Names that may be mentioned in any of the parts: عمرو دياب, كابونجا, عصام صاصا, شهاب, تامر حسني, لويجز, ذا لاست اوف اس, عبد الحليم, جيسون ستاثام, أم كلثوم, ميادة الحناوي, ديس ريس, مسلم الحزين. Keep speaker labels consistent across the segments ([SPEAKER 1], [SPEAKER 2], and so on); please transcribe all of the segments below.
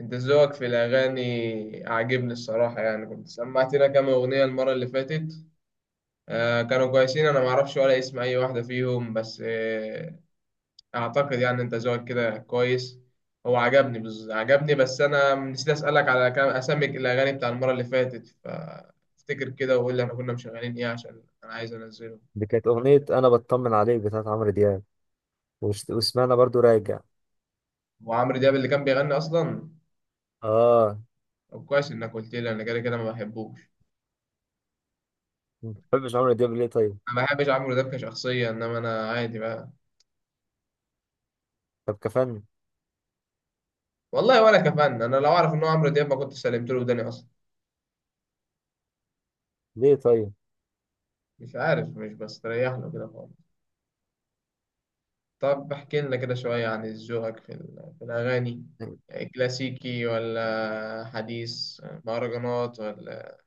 [SPEAKER 1] انت ذوقك في الاغاني عاجبني الصراحه، يعني كنت سمعتنا كام اغنيه المره اللي فاتت؟ آه كانوا كويسين، انا ما اعرفش ولا اسم اي واحده فيهم، بس اعتقد يعني انت ذوقك كده كويس. هو عجبني عجبني، بس انا نسيت اسالك على كام اسامي الاغاني بتاع المره اللي فاتت، فافتكر كده وقول لي احنا كنا مشغلين ايه عشان انا عايز انزله.
[SPEAKER 2] دي كانت أغنية أنا بطمن عليك بتاعت عمرو دياب. وسمعنا برضو راجع.
[SPEAKER 1] وعمرو دياب اللي كان بيغني اصلا.
[SPEAKER 2] آه.
[SPEAKER 1] طب كويس انك قلت لي، انا كده كده ما بحبوش.
[SPEAKER 2] ما بتحبش عمرو دياب ليه طيب؟
[SPEAKER 1] انا ما بحبش عمرو دياب كشخصيه، انما انا عادي بقى.
[SPEAKER 2] طب كفن.
[SPEAKER 1] والله ولا كفن، انا لو اعرف ان هو عمرو دياب ما كنت سلمت له وداني اصلا.
[SPEAKER 2] ليه طيب؟
[SPEAKER 1] مش عارف، مش بستريح له كده خالص. طب احكي لنا كده شويه عن ذوقك في الاغاني، كلاسيكي ولا حديث، مهرجانات ولا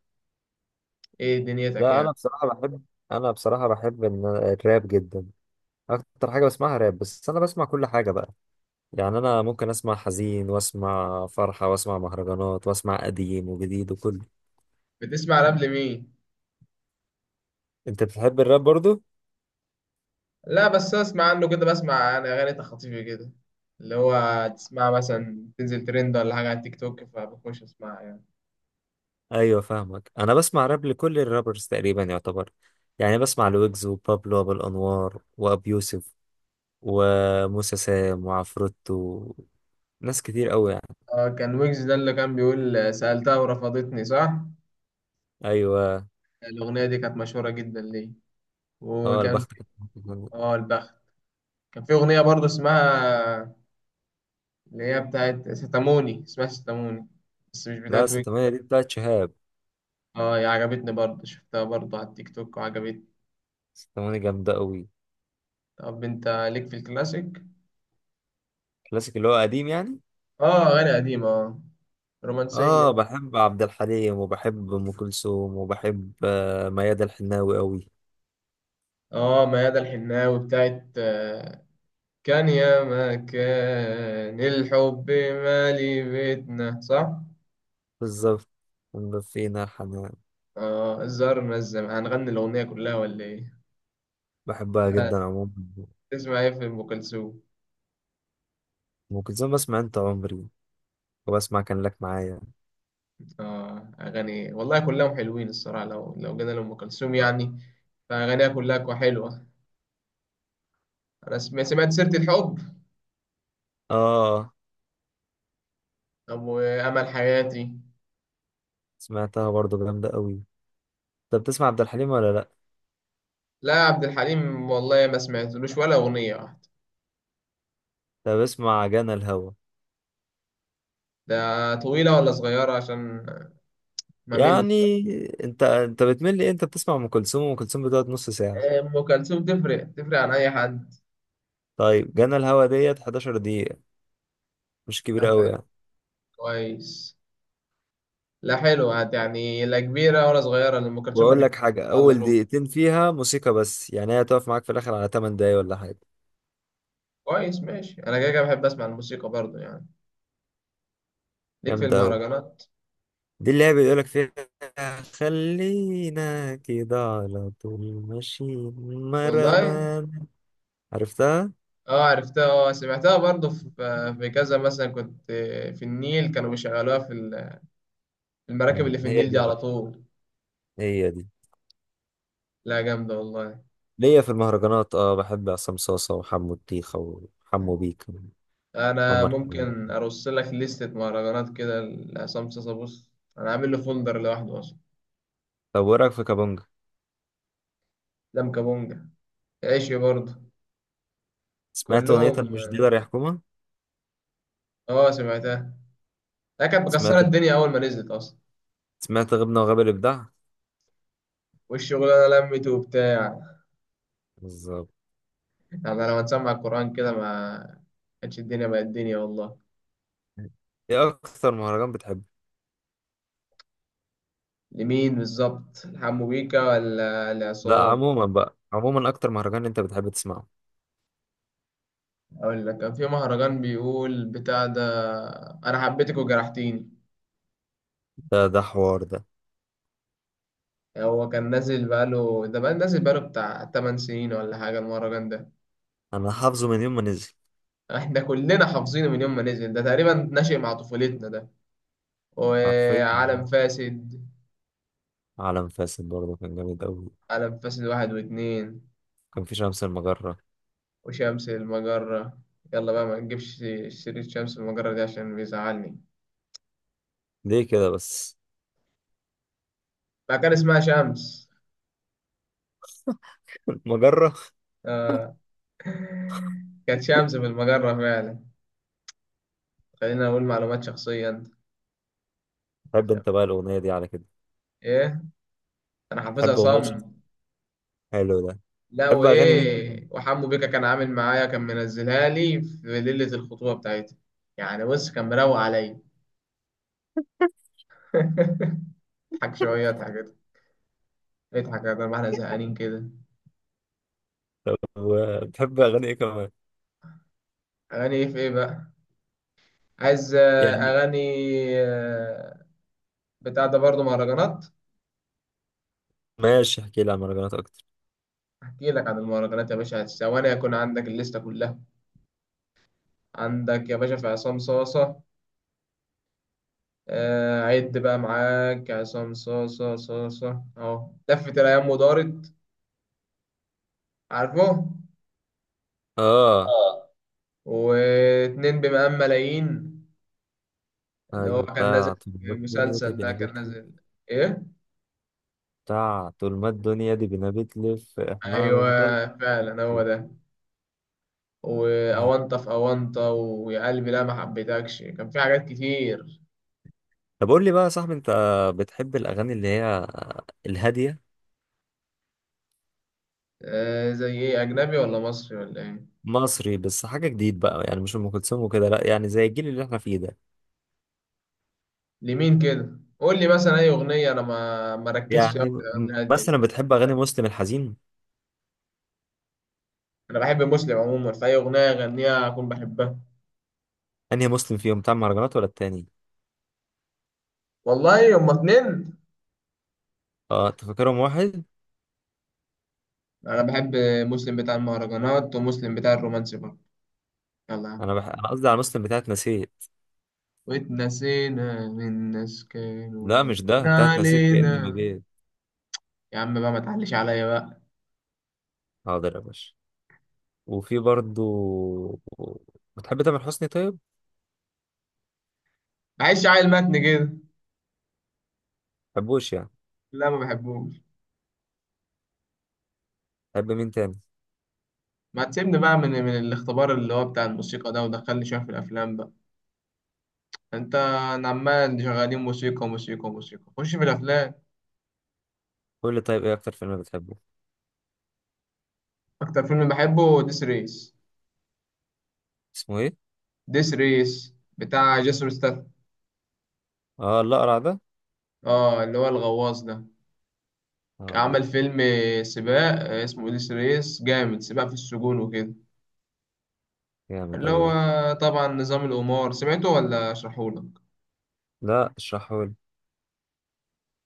[SPEAKER 1] ايه دنيتك
[SPEAKER 2] لا،
[SPEAKER 1] يعني؟
[SPEAKER 2] أنا بصراحة بحب. أنا بصراحة بحب الراب جدا. أكتر حاجة بسمعها راب، بس أنا بسمع كل حاجة بقى. يعني أنا ممكن أسمع حزين وأسمع فرحة وأسمع مهرجانات وأسمع قديم وجديد وكله.
[SPEAKER 1] بتسمع راب لمين؟
[SPEAKER 2] أنت بتحب الراب برضو؟
[SPEAKER 1] لا بس اسمع عنه كده، بسمع انا اغاني تخاطيفي كده، اللي هو تسمع مثلا تنزل ترند ولا حاجه على التيك توك فبخش اسمعها يعني.
[SPEAKER 2] أيوة، فاهمك. أنا بسمع راب لكل الرابرز تقريبا يعتبر، يعني بسمع لويجز وبابلو أبو الأنوار وأبي يوسف وموسى سام وعفروتو. ناس كتير قوي يعني.
[SPEAKER 1] اه كان ويجز ده اللي كان بيقول سألتها ورفضتني صح؟
[SPEAKER 2] ايوه.
[SPEAKER 1] الأغنية دي كانت مشهورة جدا ليه؟
[SPEAKER 2] اه،
[SPEAKER 1] وكان
[SPEAKER 2] البخت
[SPEAKER 1] في،
[SPEAKER 2] كانت-
[SPEAKER 1] اه البخت. كان في أغنية برضه اسمها، اللي هي بتاعت ستاموني، اسمها ستاموني، بس مش
[SPEAKER 2] لا،
[SPEAKER 1] بتاعت ويك.
[SPEAKER 2] ستمانية دي بتاعت شهاب.
[SPEAKER 1] اه هي عجبتني برضه، شفتها برضه على التيك توك وعجبتني.
[SPEAKER 2] ستمانية جامدة قوي.
[SPEAKER 1] طب انت ليك في الكلاسيك؟
[SPEAKER 2] كلاسيك اللي هو قديم يعني.
[SPEAKER 1] اه أغاني قديمة، اه
[SPEAKER 2] اه،
[SPEAKER 1] رومانسية.
[SPEAKER 2] بحب عبد الحليم وبحب ام كلثوم وبحب ميادة الحناوي قوي.
[SPEAKER 1] اه ميادة الحناوي بتاعت كان يا ما كان الحب مالي بيتنا صح؟
[SPEAKER 2] بالظبط. أم فينا حنان.
[SPEAKER 1] اه زرنا الزمان، هنغني الأغنية كلها ولا ايه؟
[SPEAKER 2] بحبها
[SPEAKER 1] لا،
[SPEAKER 2] جدا عموما.
[SPEAKER 1] تسمع ايه في أم كلثوم؟
[SPEAKER 2] ام كلثوم بسمع انت عمري وبسمع كان لك معايا.
[SPEAKER 1] آه أغاني والله كلهم حلوين الصراحة، لو جينا لأم كلثوم يعني فأغانيها كلها حلوة. سمعت سيرة الحب،
[SPEAKER 2] اه،
[SPEAKER 1] أبو أمل حياتي.
[SPEAKER 2] سمعتها برضو جامدة قوي. انت بتسمع عبد الحليم ولا لا؟
[SPEAKER 1] لا عبد الحليم والله ما سمعتلوش ولا أغنية واحدة.
[SPEAKER 2] انت بسمع جانا الهوى.
[SPEAKER 1] ده طويلة ولا صغيرة عشان ما مل.
[SPEAKER 2] يعني انت بتمل ايه؟ انت بتسمع ام كلثوم، وام كلثوم بتقعد نص ساعه.
[SPEAKER 1] أم كلثوم تفرق تفرق عن أي حد.
[SPEAKER 2] طيب جانا الهوا ديت 11 دقيقه، مش كبيره
[SPEAKER 1] لا
[SPEAKER 2] قوي
[SPEAKER 1] حلو،
[SPEAKER 2] يعني.
[SPEAKER 1] كويس. لا حلوة يعني، لا كبيرة ولا صغيرة، لأم كلثوم
[SPEAKER 2] واقول لك
[SPEAKER 1] بتتكلم
[SPEAKER 2] حاجه،
[SPEAKER 1] الله
[SPEAKER 2] اول
[SPEAKER 1] ربع.
[SPEAKER 2] دقيقتين فيها موسيقى بس يعني، هي هتقف معاك في الاخر على 8 دقايق ولا حاجه.
[SPEAKER 1] كويس ماشي، أنا كده كده بحب أسمع الموسيقى برضه يعني. ليك في
[SPEAKER 2] جامده قوي.
[SPEAKER 1] المهرجانات؟
[SPEAKER 2] دي اللي هي بيقول لك فيها خلينا كده على طول، ماشيين
[SPEAKER 1] والله،
[SPEAKER 2] مرمان. عرفتها.
[SPEAKER 1] اه عرفتها. اه سمعتها برضه في كذا، مثلا كنت في النيل كانوا بيشغلوها في المراكب اللي في
[SPEAKER 2] هي
[SPEAKER 1] النيل دي
[SPEAKER 2] دي
[SPEAKER 1] على
[SPEAKER 2] بقى.
[SPEAKER 1] طول.
[SPEAKER 2] هي دي.
[SPEAKER 1] لا جامدة والله.
[SPEAKER 2] ليا في المهرجانات اه، بحب عصام صاصا وحمو الطيخة وحمو بيك
[SPEAKER 1] أنا
[SPEAKER 2] وعمر.
[SPEAKER 1] ممكن أرص لك لستة مهرجانات كده لعصام صاصا، بص أنا عامل له فولدر لوحده أصلا.
[SPEAKER 2] طب وايه رايك في كابونجا؟
[SPEAKER 1] لم كابونجا، عيشي برضه.
[SPEAKER 2] سمعت اغنيه
[SPEAKER 1] كلهم،
[SPEAKER 2] أنا مش ديلر يا حكومه.
[SPEAKER 1] اه سمعتها. لا كانت مكسرة
[SPEAKER 2] سمعت،
[SPEAKER 1] الدنيا أول ما نزلت أصلا.
[SPEAKER 2] سمعت غبنا وغاب الابداع.
[SPEAKER 1] والشغلانة لمت وبتاع،
[SPEAKER 2] بالظبط.
[SPEAKER 1] يعني لما تسمع القرآن كده ما كانتش الدنيا بقت الدنيا والله.
[SPEAKER 2] ايه اكتر مهرجان بتحبه؟
[SPEAKER 1] لمين بالظبط؟ لحمو بيكا ولا
[SPEAKER 2] لا،
[SPEAKER 1] لعصام؟
[SPEAKER 2] عموما بقى، عموما اكتر مهرجان انت بتحب تسمعه.
[SPEAKER 1] اقول لك، كان في مهرجان بيقول بتاع ده: انا حبيتك وجرحتيني.
[SPEAKER 2] ده حوار ده.
[SPEAKER 1] هو كان نازل بقاله ده، بقى نازل بقاله بتاع 8 سنين ولا حاجه المهرجان ده.
[SPEAKER 2] انا حافظه من يوم ما نزل.
[SPEAKER 1] احنا كلنا حافظينه من يوم ما نزل، ده تقريبا ناشئ مع طفولتنا ده.
[SPEAKER 2] حرفيا.
[SPEAKER 1] وعالم فاسد،
[SPEAKER 2] عالم فاسد برضه كان جامد قوي.
[SPEAKER 1] عالم فاسد واحد واتنين،
[SPEAKER 2] كان في شمس المجرة.
[SPEAKER 1] وشمس المجرة. يلا بقى، ما نجيبش سيرة شمس المجرة دي عشان بيزعلني.
[SPEAKER 2] ليه كده بس؟
[SPEAKER 1] بقى كان اسمها شمس.
[SPEAKER 2] المجرة.
[SPEAKER 1] آه. كانت شمس في المجرة فعلا. خلينا أقول معلومات شخصية، أنت.
[SPEAKER 2] تحب انت بقى الاغنية دي على كده.
[SPEAKER 1] إيه؟ أنا حافظها
[SPEAKER 2] تحب اغنية شمس.
[SPEAKER 1] صم.
[SPEAKER 2] حلو ده.
[SPEAKER 1] لا
[SPEAKER 2] تحب اغاني مين تاني؟
[SPEAKER 1] وإيه، وحمو بيكا كان عامل معايا، كان منزلها لي في ليلة الخطوبة بتاعتي. يعني بص، كان مروق عليا. اضحك شوية، اضحك كده، اضحك يا ما احنا زهقانين كده.
[SPEAKER 2] بتحب اغاني ايه كمان؟
[SPEAKER 1] أغاني إيه في إيه بقى؟ عايز
[SPEAKER 2] يعني.
[SPEAKER 1] أغاني آه، بتاع ده برضه مهرجانات.
[SPEAKER 2] ماشي، احكي لي عن مهرجانات اكتر.
[SPEAKER 1] أحكي لك عن المهرجانات يا باشا، ثواني يكون عندك الليستة كلها. عندك يا باشا في عصام صاصة، عد بقى معاك. عصام صاصة صاصة أهو، لفت الأيام ودارت، عارفه؟
[SPEAKER 2] اه.
[SPEAKER 1] اه. واتنين بمقام ملايين، اللي هو
[SPEAKER 2] ايوه.
[SPEAKER 1] كان نازل في مسلسل ده كان نازل، إيه؟
[SPEAKER 2] بتاع طول ما الدنيا دي بنبتلي فاحنا
[SPEAKER 1] أيوه
[SPEAKER 2] هنفضل.
[SPEAKER 1] فعلا هو ده.
[SPEAKER 2] أيوة.
[SPEAKER 1] وأونطة في أونطة، ويا قلبي لا ما حبيتكش، كان في حاجات كتير.
[SPEAKER 2] طب قول لي بقى يا صاحبي، انت بتحب الاغاني اللي هي الهاديه.
[SPEAKER 1] آه زي إيه، أجنبي ولا مصري ولا إيه؟
[SPEAKER 2] مصري بس حاجه جديد بقى يعني، مش ام كلثوم وكده، لا يعني زي الجيل اللي احنا فيه ده.
[SPEAKER 1] لمين كده؟ قول لي مثلا أي أغنية، أنا ما مركزش أوي
[SPEAKER 2] يعني
[SPEAKER 1] في الأغاني الهادية
[SPEAKER 2] مثلا
[SPEAKER 1] دي.
[SPEAKER 2] بتحب اغاني مسلم الحزين.
[SPEAKER 1] انا بحب مسلم عموما، فاي اغنيه يغنيها اكون بحبها.
[SPEAKER 2] انهي مسلم فيهم، بتاع المهرجانات ولا التاني؟
[SPEAKER 1] والله هما اتنين،
[SPEAKER 2] اه، انت فاكرهم واحد.
[SPEAKER 1] انا بحب مسلم بتاع المهرجانات ومسلم بتاع الرومانسي برضه. يلا يا عم،
[SPEAKER 2] انا قصدي على مسلم بتاعت نسيت.
[SPEAKER 1] واتنسينا من ناس كانوا
[SPEAKER 2] لا، مش
[SPEAKER 1] غالين
[SPEAKER 2] ده، بتاعت نسيت كاني ما
[SPEAKER 1] علينا.
[SPEAKER 2] جيت.
[SPEAKER 1] يا عم بقى، ما تعليش عليا بقى.
[SPEAKER 2] حاضر يا باشا. وفي برضو، بتحب تامر حسني طيب؟
[SPEAKER 1] معلش عيل متن كده،
[SPEAKER 2] بحبوش يعني.
[SPEAKER 1] لا ما بحبوش.
[SPEAKER 2] بحب مين تاني؟
[SPEAKER 1] ما تسيبني بقى من الاختبار اللي هو بتاع الموسيقى ده، ودخلني شويه في الافلام بقى. انت أنا عمال شغالين موسيقى موسيقى موسيقى، خش في الافلام.
[SPEAKER 2] قول لي طيب، ايه اكتر فيلم بتحبه؟
[SPEAKER 1] اكتر فيلم بحبه ديس ريس.
[SPEAKER 2] اسمه ايه؟
[SPEAKER 1] ديس ريس بتاع جيسون ستاثام،
[SPEAKER 2] اه، الأقرع ده؟
[SPEAKER 1] اه اللي هو الغواص ده، عمل
[SPEAKER 2] اه.
[SPEAKER 1] فيلم سباق، اسمه اوديس ريس، جامد. سباق في السجون وكده،
[SPEAKER 2] جامد
[SPEAKER 1] اللي
[SPEAKER 2] اوي
[SPEAKER 1] هو
[SPEAKER 2] ده.
[SPEAKER 1] طبعا نظام القمار، سمعته ولا اشرحهولك؟
[SPEAKER 2] لا، اشرحه لي.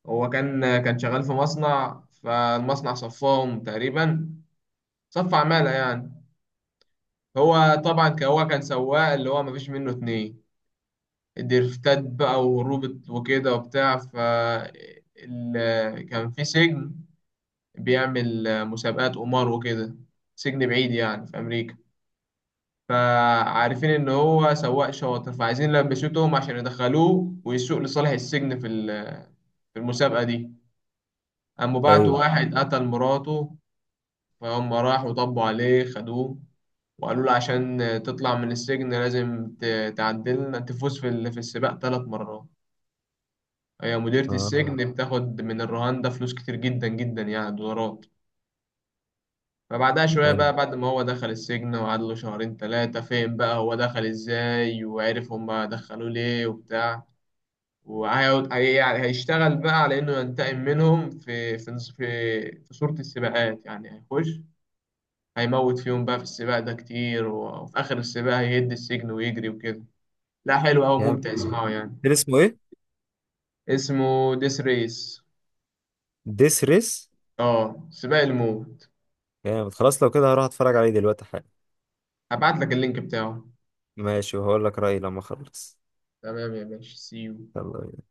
[SPEAKER 1] هو كان شغال في مصنع، فالمصنع صفاهم تقريبا، صف عمالة يعني. هو طبعا هو كان سواق اللي هو مفيش منه اتنين، الدرفتات بقى وهروب وكده وبتاع. ف كان في سجن بيعمل مسابقات قمار وكده، سجن بعيد يعني في أمريكا. فعارفين ان هو سواق شاطر، فعايزين يلبسوه تهم عشان يدخلوه ويسوق لصالح السجن في المسابقة دي. قاموا بعتوا
[SPEAKER 2] ايوه.
[SPEAKER 1] واحد قتل مراته، فهم راحوا طبوا عليه خدوه وقالوا له عشان تطلع من السجن لازم تعدلنا تفوز في السباق 3 مرات. هي مديرة
[SPEAKER 2] اه.
[SPEAKER 1] السجن بتاخد من الرهان ده فلوس كتير جدا جدا يعني، دولارات. فبعدها شوية
[SPEAKER 2] حلو.
[SPEAKER 1] بقى، بعد ما هو دخل السجن وقعد له شهرين تلاتة، فين بقى هو دخل ازاي وعرف هما دخلوه ليه وبتاع. يعني هيشتغل بقى على إنه ينتقم منهم في في صورة السباقات يعني، هيخش هيموت فيهم بقى في السباق ده كتير، وفي آخر السباق هيهد السجن ويجري وكده. لا حلو أوي،
[SPEAKER 2] جامد.
[SPEAKER 1] ممتع اسمعه يعني.
[SPEAKER 2] كان اسمه ايه؟
[SPEAKER 1] اسمه ديس ريس،
[SPEAKER 2] ديس ريس.
[SPEAKER 1] اه سباق الموت.
[SPEAKER 2] جامد خلاص، لو كده هروح اتفرج عليه دلوقتي حالا.
[SPEAKER 1] هبعت لك اللينك بتاعه.
[SPEAKER 2] ماشي، وهقول لك رأيي لما اخلص.
[SPEAKER 1] تمام يا باشا، سيو.
[SPEAKER 2] يلا.